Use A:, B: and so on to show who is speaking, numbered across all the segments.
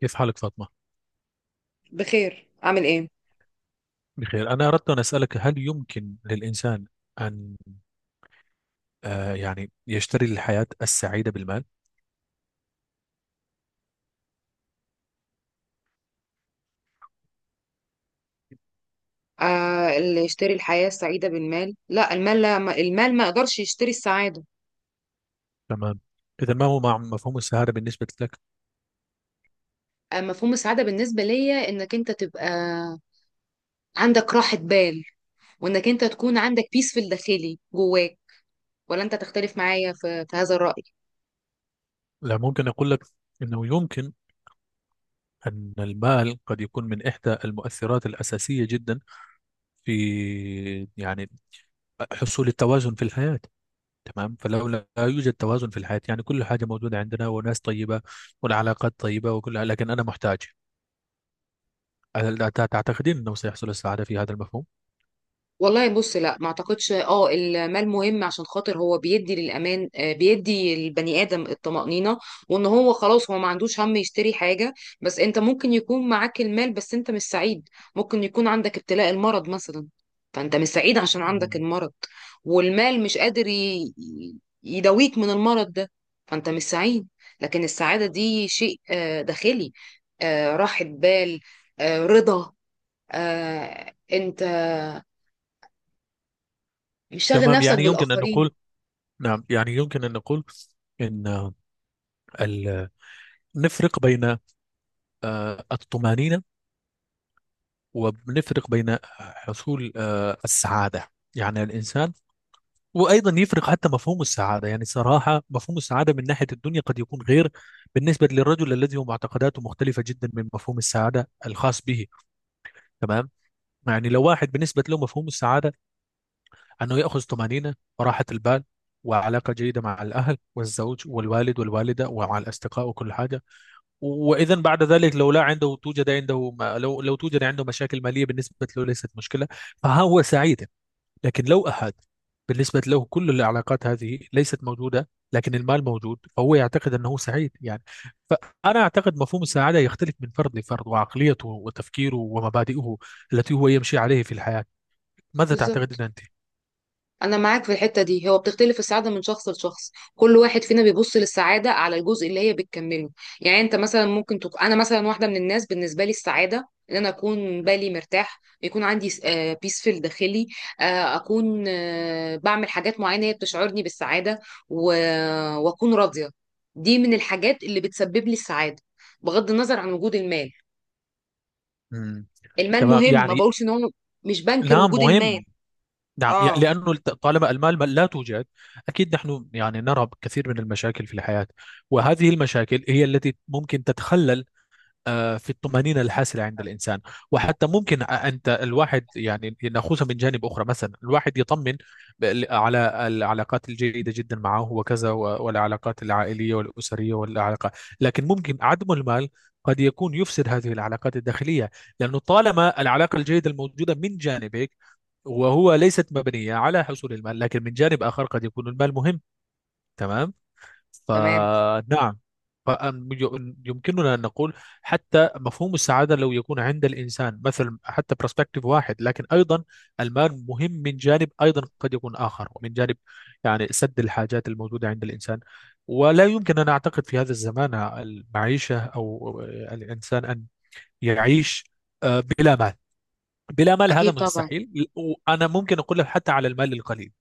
A: كيف حالك فاطمة؟
B: بخير. اعمل ايه؟
A: بخير. أنا أردت أن أسألك، هل يمكن للإنسان أن يعني يشتري الحياة السعيدة بالمال؟
B: اللي يشتري الحياة السعيدة بالمال، لا المال ما يقدرش يشتري السعادة.
A: تمام. إذا ما هو مع مفهوم السعادة بالنسبة لك؟
B: مفهوم السعادة بالنسبة ليا انك انت تبقى عندك راحة بال، وانك انت تكون عندك بيس في الداخلي جواك. ولا انت تختلف معايا في هذا الرأي؟
A: لا، ممكن أقول لك أنه يمكن أن المال قد يكون من إحدى المؤثرات الأساسية جدا في يعني حصول التوازن في الحياة. تمام، فلو لا يوجد توازن في الحياة يعني كل حاجة موجودة عندنا وناس طيبة والعلاقات طيبة وكلها، لكن أنا محتاج. هل تعتقدين أنه سيحصل السعادة في هذا المفهوم؟
B: والله بص، لا ما اعتقدش. اه المال مهم عشان خاطر هو بيدي للامان، بيدي البني ادم الطمأنينة. وان هو خلاص هو ما عندوش هم يشتري حاجة. بس انت ممكن يكون معاك المال بس انت مش سعيد. ممكن يكون عندك ابتلاء المرض مثلا، فانت مش سعيد عشان عندك
A: مم.
B: المرض. والمال مش قادر يداويك من المرض ده، فانت مش سعيد. لكن السعادة دي شيء داخلي. راحة بال. رضا. انت مش شاغل
A: تمام
B: نفسك
A: يعني يمكن أن نقول،
B: بالآخرين.
A: نعم يعني يمكن أن نقول إن ال- نفرق بين الطمأنينة ونفرق بين حصول السعادة، يعني الإنسان. وأيضا يفرق حتى مفهوم السعادة، يعني صراحة مفهوم السعادة من ناحية الدنيا قد يكون غير بالنسبة للرجل الذي هو معتقداته مختلفة جدا من مفهوم السعادة الخاص به. تمام. يعني لو واحد بالنسبة له مفهوم السعادة أنه يأخذ طمأنينة وراحة البال وعلاقة جيدة مع الأهل والزوج والوالد والوالدة ومع الأصدقاء وكل حاجة، وإذا بعد ذلك لو لا عنده توجد عنده ما لو توجد عنده مشاكل مالية بالنسبة له ليست مشكلة، فهو سعيد. لكن لو أحد بالنسبة له كل العلاقات هذه ليست موجودة لكن المال موجود، فهو يعتقد أنه سعيد يعني. فأنا أعتقد مفهوم السعادة يختلف من فرد لفرد، وعقليته وتفكيره ومبادئه التي هو يمشي عليه في الحياة. ماذا
B: بالظبط.
A: تعتقدين أنت؟
B: أنا معاك في الحتة دي، هو بتختلف السعادة من شخص لشخص، كل واحد فينا بيبص للسعادة على الجزء اللي هي بتكمله. يعني أنت مثلا ممكن أنا مثلا واحدة من الناس، بالنسبة لي السعادة إن أنا أكون بالي مرتاح، يكون عندي بيسفل داخلي. أكون بعمل حاجات معينة هي بتشعرني بالسعادة و... وأكون راضية. دي من الحاجات اللي بتسبب لي السعادة بغض النظر عن وجود المال. المال
A: تمام
B: مهم، ما
A: يعني.
B: بقولش إن هو مش بنكر
A: نعم
B: وجود المال.
A: مهم. نعم
B: اه.
A: لأنه طالما المال لا توجد. أكيد نحن يعني نرى كثير من المشاكل في الحياة، وهذه المشاكل هي التي ممكن تتخلل في الطمأنينة الحاصلة عند الإنسان. وحتى ممكن أنت الواحد يعني نأخذها من جانب أخرى، مثلا الواحد يطمن على العلاقات الجيدة جدا معه وكذا والعلاقات العائلية والأسرية والعلاقة. لكن ممكن عدم المال قد يكون يفسد هذه العلاقات الداخلية، لأنه طالما العلاقة الجيدة الموجودة من جانبك وهو ليست مبنية على حصول المال، لكن من جانب آخر قد يكون المال مهم. تمام.
B: تمام.
A: فنعم. يمكننا أن نقول حتى مفهوم السعادة لو يكون عند الإنسان مثل حتى برسبكتيف واحد، لكن أيضا المال مهم من جانب أيضا قد يكون آخر، ومن جانب يعني سد الحاجات الموجودة عند الإنسان. ولا يمكن أن أعتقد في هذا الزمان المعيشة أو الإنسان أن يعيش بلا مال. بلا مال هذا
B: أكيد طبعا.
A: مستحيل. وأنا ممكن أقول لك حتى على المال القليل،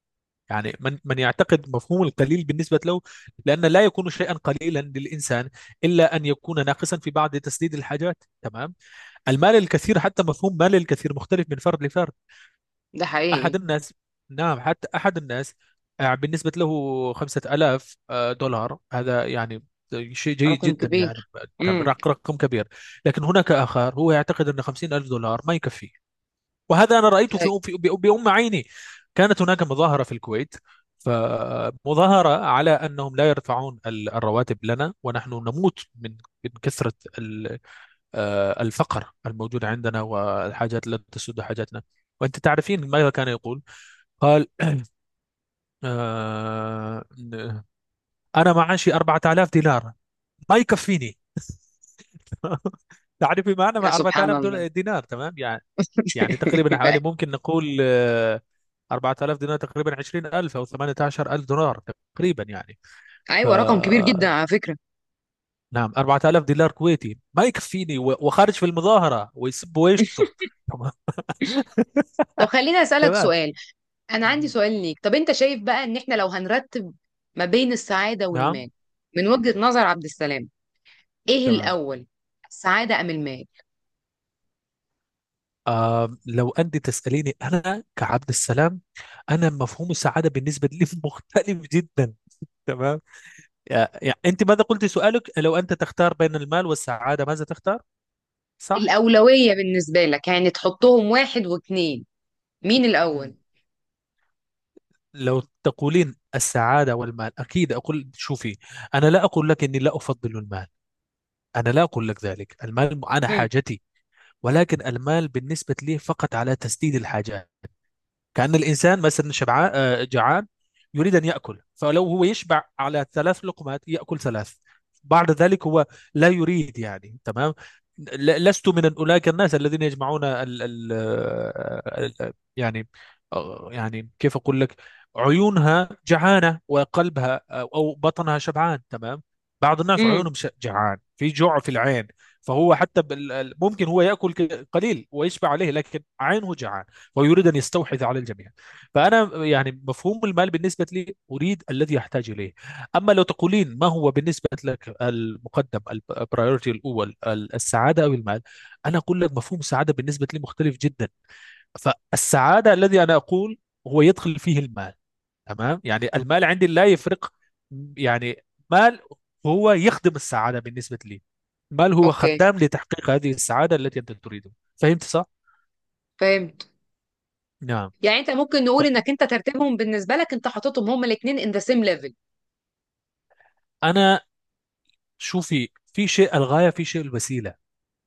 A: يعني من يعتقد مفهوم القليل بالنسبة له، لأن لا يكون شيئا قليلا للإنسان إلا أن يكون ناقصا في بعض تسديد الحاجات. تمام. المال الكثير، حتى مفهوم مال الكثير مختلف من فرد لفرد.
B: ده
A: أحد
B: حقيقي.
A: الناس، نعم حتى أحد الناس بالنسبة له 5000 دولار هذا يعني شيء جيد
B: رقم
A: جدا
B: كبير.
A: يعني،
B: امم.
A: رقم كبير. لكن هناك آخر هو يعتقد أن 50000 دولار ما يكفي. وهذا أنا رأيته بأم عيني. كانت هناك مظاهرة في الكويت، فمظاهرة على أنهم لا يرفعون الرواتب لنا ونحن نموت من كثرة ال- الفقر الموجود عندنا والحاجات التي تسد حاجاتنا. وأنت تعرفين ماذا كان يقول؟ قال آه، أنا معاشي 4000 دينار ما يكفيني. تعرفي معنى
B: يا
A: ما
B: سبحان
A: 4000
B: الله.
A: دينار؟ تمام يعني. يعني تقريبا حوالي
B: بقى.
A: ممكن نقول 4000 دينار تقريبا 20000 او 18000 دولار تقريبا يعني. ف
B: أيوة، رقم كبير جدا على فكرة.
A: نعم، 4000 دينار كويتي ما يكفيني وخارج في المظاهرة ويسب ويشتم. تمام.
B: طب خليني أسألك
A: تمام.
B: سؤال. أنا عندي
A: مهم.
B: سؤال ليك. طب أنت شايف بقى إن إحنا لو هنرتب ما بين السعادة
A: نعم.
B: والمال، من وجهة نظر عبد السلام، إيه
A: تمام.
B: الأول؟ السعادة أم المال؟
A: آه لو أنت تسأليني أنا كعبد السلام، أنا مفهوم السعادة بالنسبة لي مختلف جدا. تمام. يعني أنت ماذا قلت سؤالك، لو أنت تختار بين المال والسعادة ماذا تختار، صح؟
B: الأولوية بالنسبة لك، يعني تحطهم واحد واتنين، مين الأول؟
A: لو تقولين السعادة والمال أكيد أقول، شوفي، أنا لا أقول لك إني لا أفضل المال. أنا لا أقول لك ذلك، المال أنا
B: امم.
A: حاجتي. ولكن المال بالنسبة لي فقط على تسديد الحاجات. كأن الإنسان مثلا شبعان جعان يريد أن يأكل، فلو هو يشبع على ثلاث لقمات يأكل ثلاث، بعد ذلك هو لا يريد يعني. تمام. لست من أولئك الناس الذين يجمعون ال يعني يعني كيف أقول لك، عيونها جعانة وقلبها أو بطنها شبعان. تمام. بعض الناس
B: امم.
A: عيونهم جعان، في جوع في العين. فهو حتى ممكن هو يأكل قليل ويشبع عليه، لكن عينه جعان ويريد أن يستحوذ على الجميع. فأنا يعني مفهوم المال بالنسبة لي أريد الذي أحتاج إليه. أما لو تقولين ما هو بالنسبة لك المقدم، البرايورتي الأول السعادة أو المال، أنا أقول لك مفهوم السعادة بالنسبة لي مختلف جدا. فالسعادة الذي أنا أقول هو يدخل فيه المال. تمام، يعني المال عندي لا يفرق، يعني مال هو يخدم السعادة بالنسبة لي، مال هو
B: أوكي.
A: خدام لتحقيق هذه السعادة التي أنت تريدها. فهمت صح؟
B: فاهم.
A: نعم.
B: يعني انت ممكن نقول انك انت ترتيبهم بالنسبه لك، انت حاططهم هما الاثنين ان ذا سيم ليفل.
A: أنا، شوفي، في شيء الغاية في شيء الوسيلة.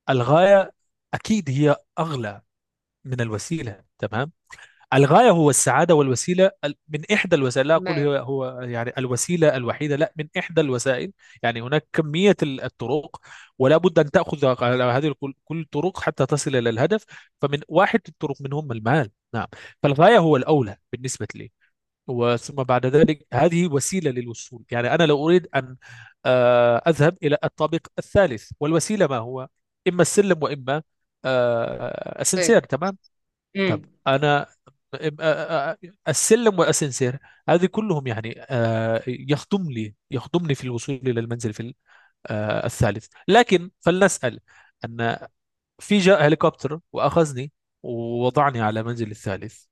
A: الغاية أكيد هي أغلى من الوسيلة. تمام. الغاية هو السعادة، والوسيلة من إحدى الوسائل، لا أقول
B: تمام.
A: هو يعني الوسيلة الوحيدة، لا، من إحدى الوسائل. يعني هناك كمية الطرق، ولا بد أن تأخذ على هذه كل الطرق حتى تصل إلى الهدف. فمن واحد الطرق منهم المال، نعم. فالغاية هو الأولى بالنسبة لي، وثم بعد ذلك هذه وسيلة للوصول. يعني أنا لو أريد أن أذهب إلى الطابق الثالث والوسيلة ما هو، إما السلم وإما
B: فاهم.
A: أسانسير. تمام. طب
B: امم.
A: أنا إم- آه، آه، آه، السلم والأسانسير هذه كلهم يعني يخدم لي يخدمني في الوصول إلى المنزل في الثالث. لكن فلنسأل أن في جاء هليكوبتر وأخذني ووضعني على منزل الثالث،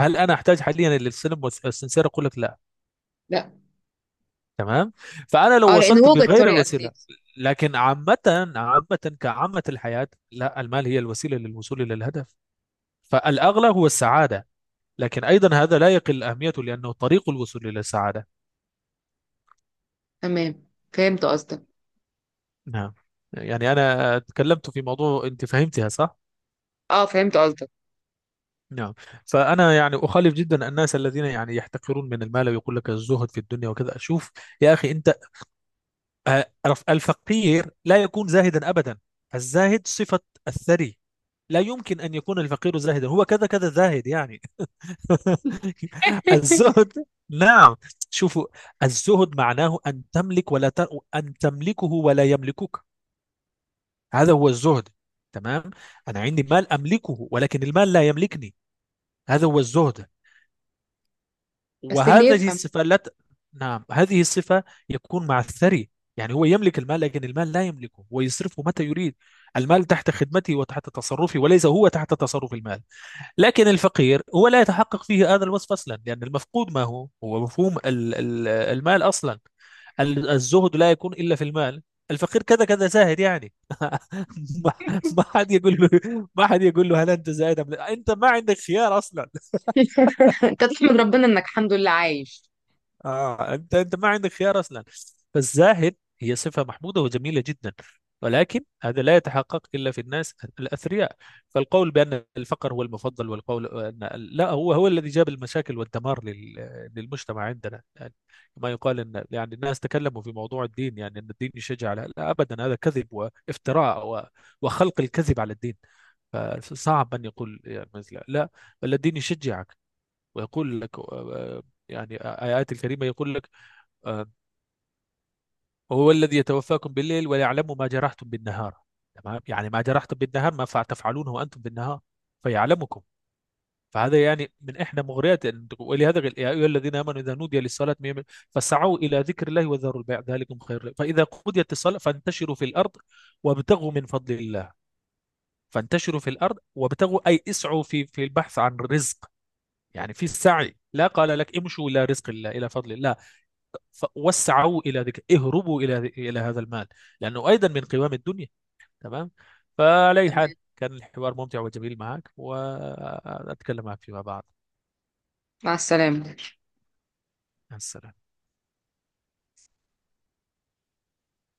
A: هل أنا أحتاج حاليا للسلم والأسانسير؟ أقول لك لا.
B: لا.
A: تمام. فانا لو
B: اه، لان
A: وصلت
B: هو جت
A: بغير
B: طريقه
A: الوسيله.
B: جديده.
A: لكن عامه، عامه كعامه الحياه، لا، المال هي الوسيله للوصول الى الهدف. فالاغلى هو السعاده، لكن ايضا هذا لا يقل اهميته لانه طريق الوصول الى السعاده.
B: تمام. فهمت قصدك.
A: نعم، يعني انا تكلمت في موضوع انت فهمتها صح.
B: اه فهمت قصدك.
A: نعم. فانا يعني اخالف جدا الناس الذين يعني يحتقرون من المال ويقول لك الزهد في الدنيا وكذا. شوف يا اخي، انت آه، الفقير لا يكون زاهدا ابدا. الزاهد صفه الثري. لا يمكن أن يكون الفقير زاهدا، هو كذا كذا زاهد يعني. الزهد، نعم. شوفوا، الزهد معناه أن تملك ولا ت... أن تملكه ولا يملكك. هذا هو الزهد. تمام. أنا عندي مال أملكه ولكن المال لا يملكني. هذا هو الزهد.
B: بس اللي
A: وهذه
B: يفهم.
A: الصفة لا ت... نعم، هذه الصفة يكون مع الثري. يعني هو يملك المال لكن المال لا يملكه، هو يصرفه متى يريد. المال تحت خدمتي وتحت تصرفي، وليس هو تحت تصرف المال. لكن الفقير هو لا يتحقق فيه هذا الوصف أصلا، لأن المفقود ما هو هو مفهوم المال أصلا. الزهد لا يكون إلا في المال. الفقير كذا كذا زاهد يعني. ما ما حد يقول له، هل أنت زاهد أم لا؟ أنت ما عندك خيار أصلا.
B: انت تحمد ربنا انك الحمد لله عايش.
A: آه، أنت ما عندك خيار أصلا. فالزاهد هي صفة محمودة وجميلة جدا، ولكن هذا لا يتحقق إلا في الناس الأثرياء. فالقول بأن الفقر هو المفضل والقول أن لا، هو هو الذي جاب المشاكل والدمار للمجتمع عندنا يعني. ما يقال أن يعني الناس تكلموا في موضوع الدين، يعني أن الدين يشجع على، لا، أبدا، هذا كذب وافتراء وخلق الكذب على الدين. فصعب أن يقول يعني مثل، لا، بل الدين يشجعك ويقول لك آه، يعني آيات الكريمة يقول لك آه، هو الذي يتوفاكم بالليل ويعلم ما جرحتم بالنهار. تمام، يعني ما جرحتم بالنهار ما فع- تفعلونه وأنتم بالنهار فيعلمكم. فهذا يعني من إحدى مغريات أن ولهذا قال، يا أيها الذين آمنوا إذا نودي للصلاة فسعوا إلى ذكر الله وذروا البيع ذلكم خير لكم فإذا قضيت الصلاة فانتشروا في الأرض وابتغوا من فضل الله. فانتشروا في الأرض وابتغوا، أي اسعوا في البحث عن رزق، يعني في السعي، لا قال لك امشوا إلى رزق الله إلى فضل الله. فوسعوا الى ذكر، اهربوا الى هذا المال، لانه ايضا من قوام الدنيا. تمام. فعلى اي
B: تمام.
A: حال، كان الحوار ممتع وجميل معك، واتكلم معك فيما بعد.
B: مع السلامه.
A: مع السلامه.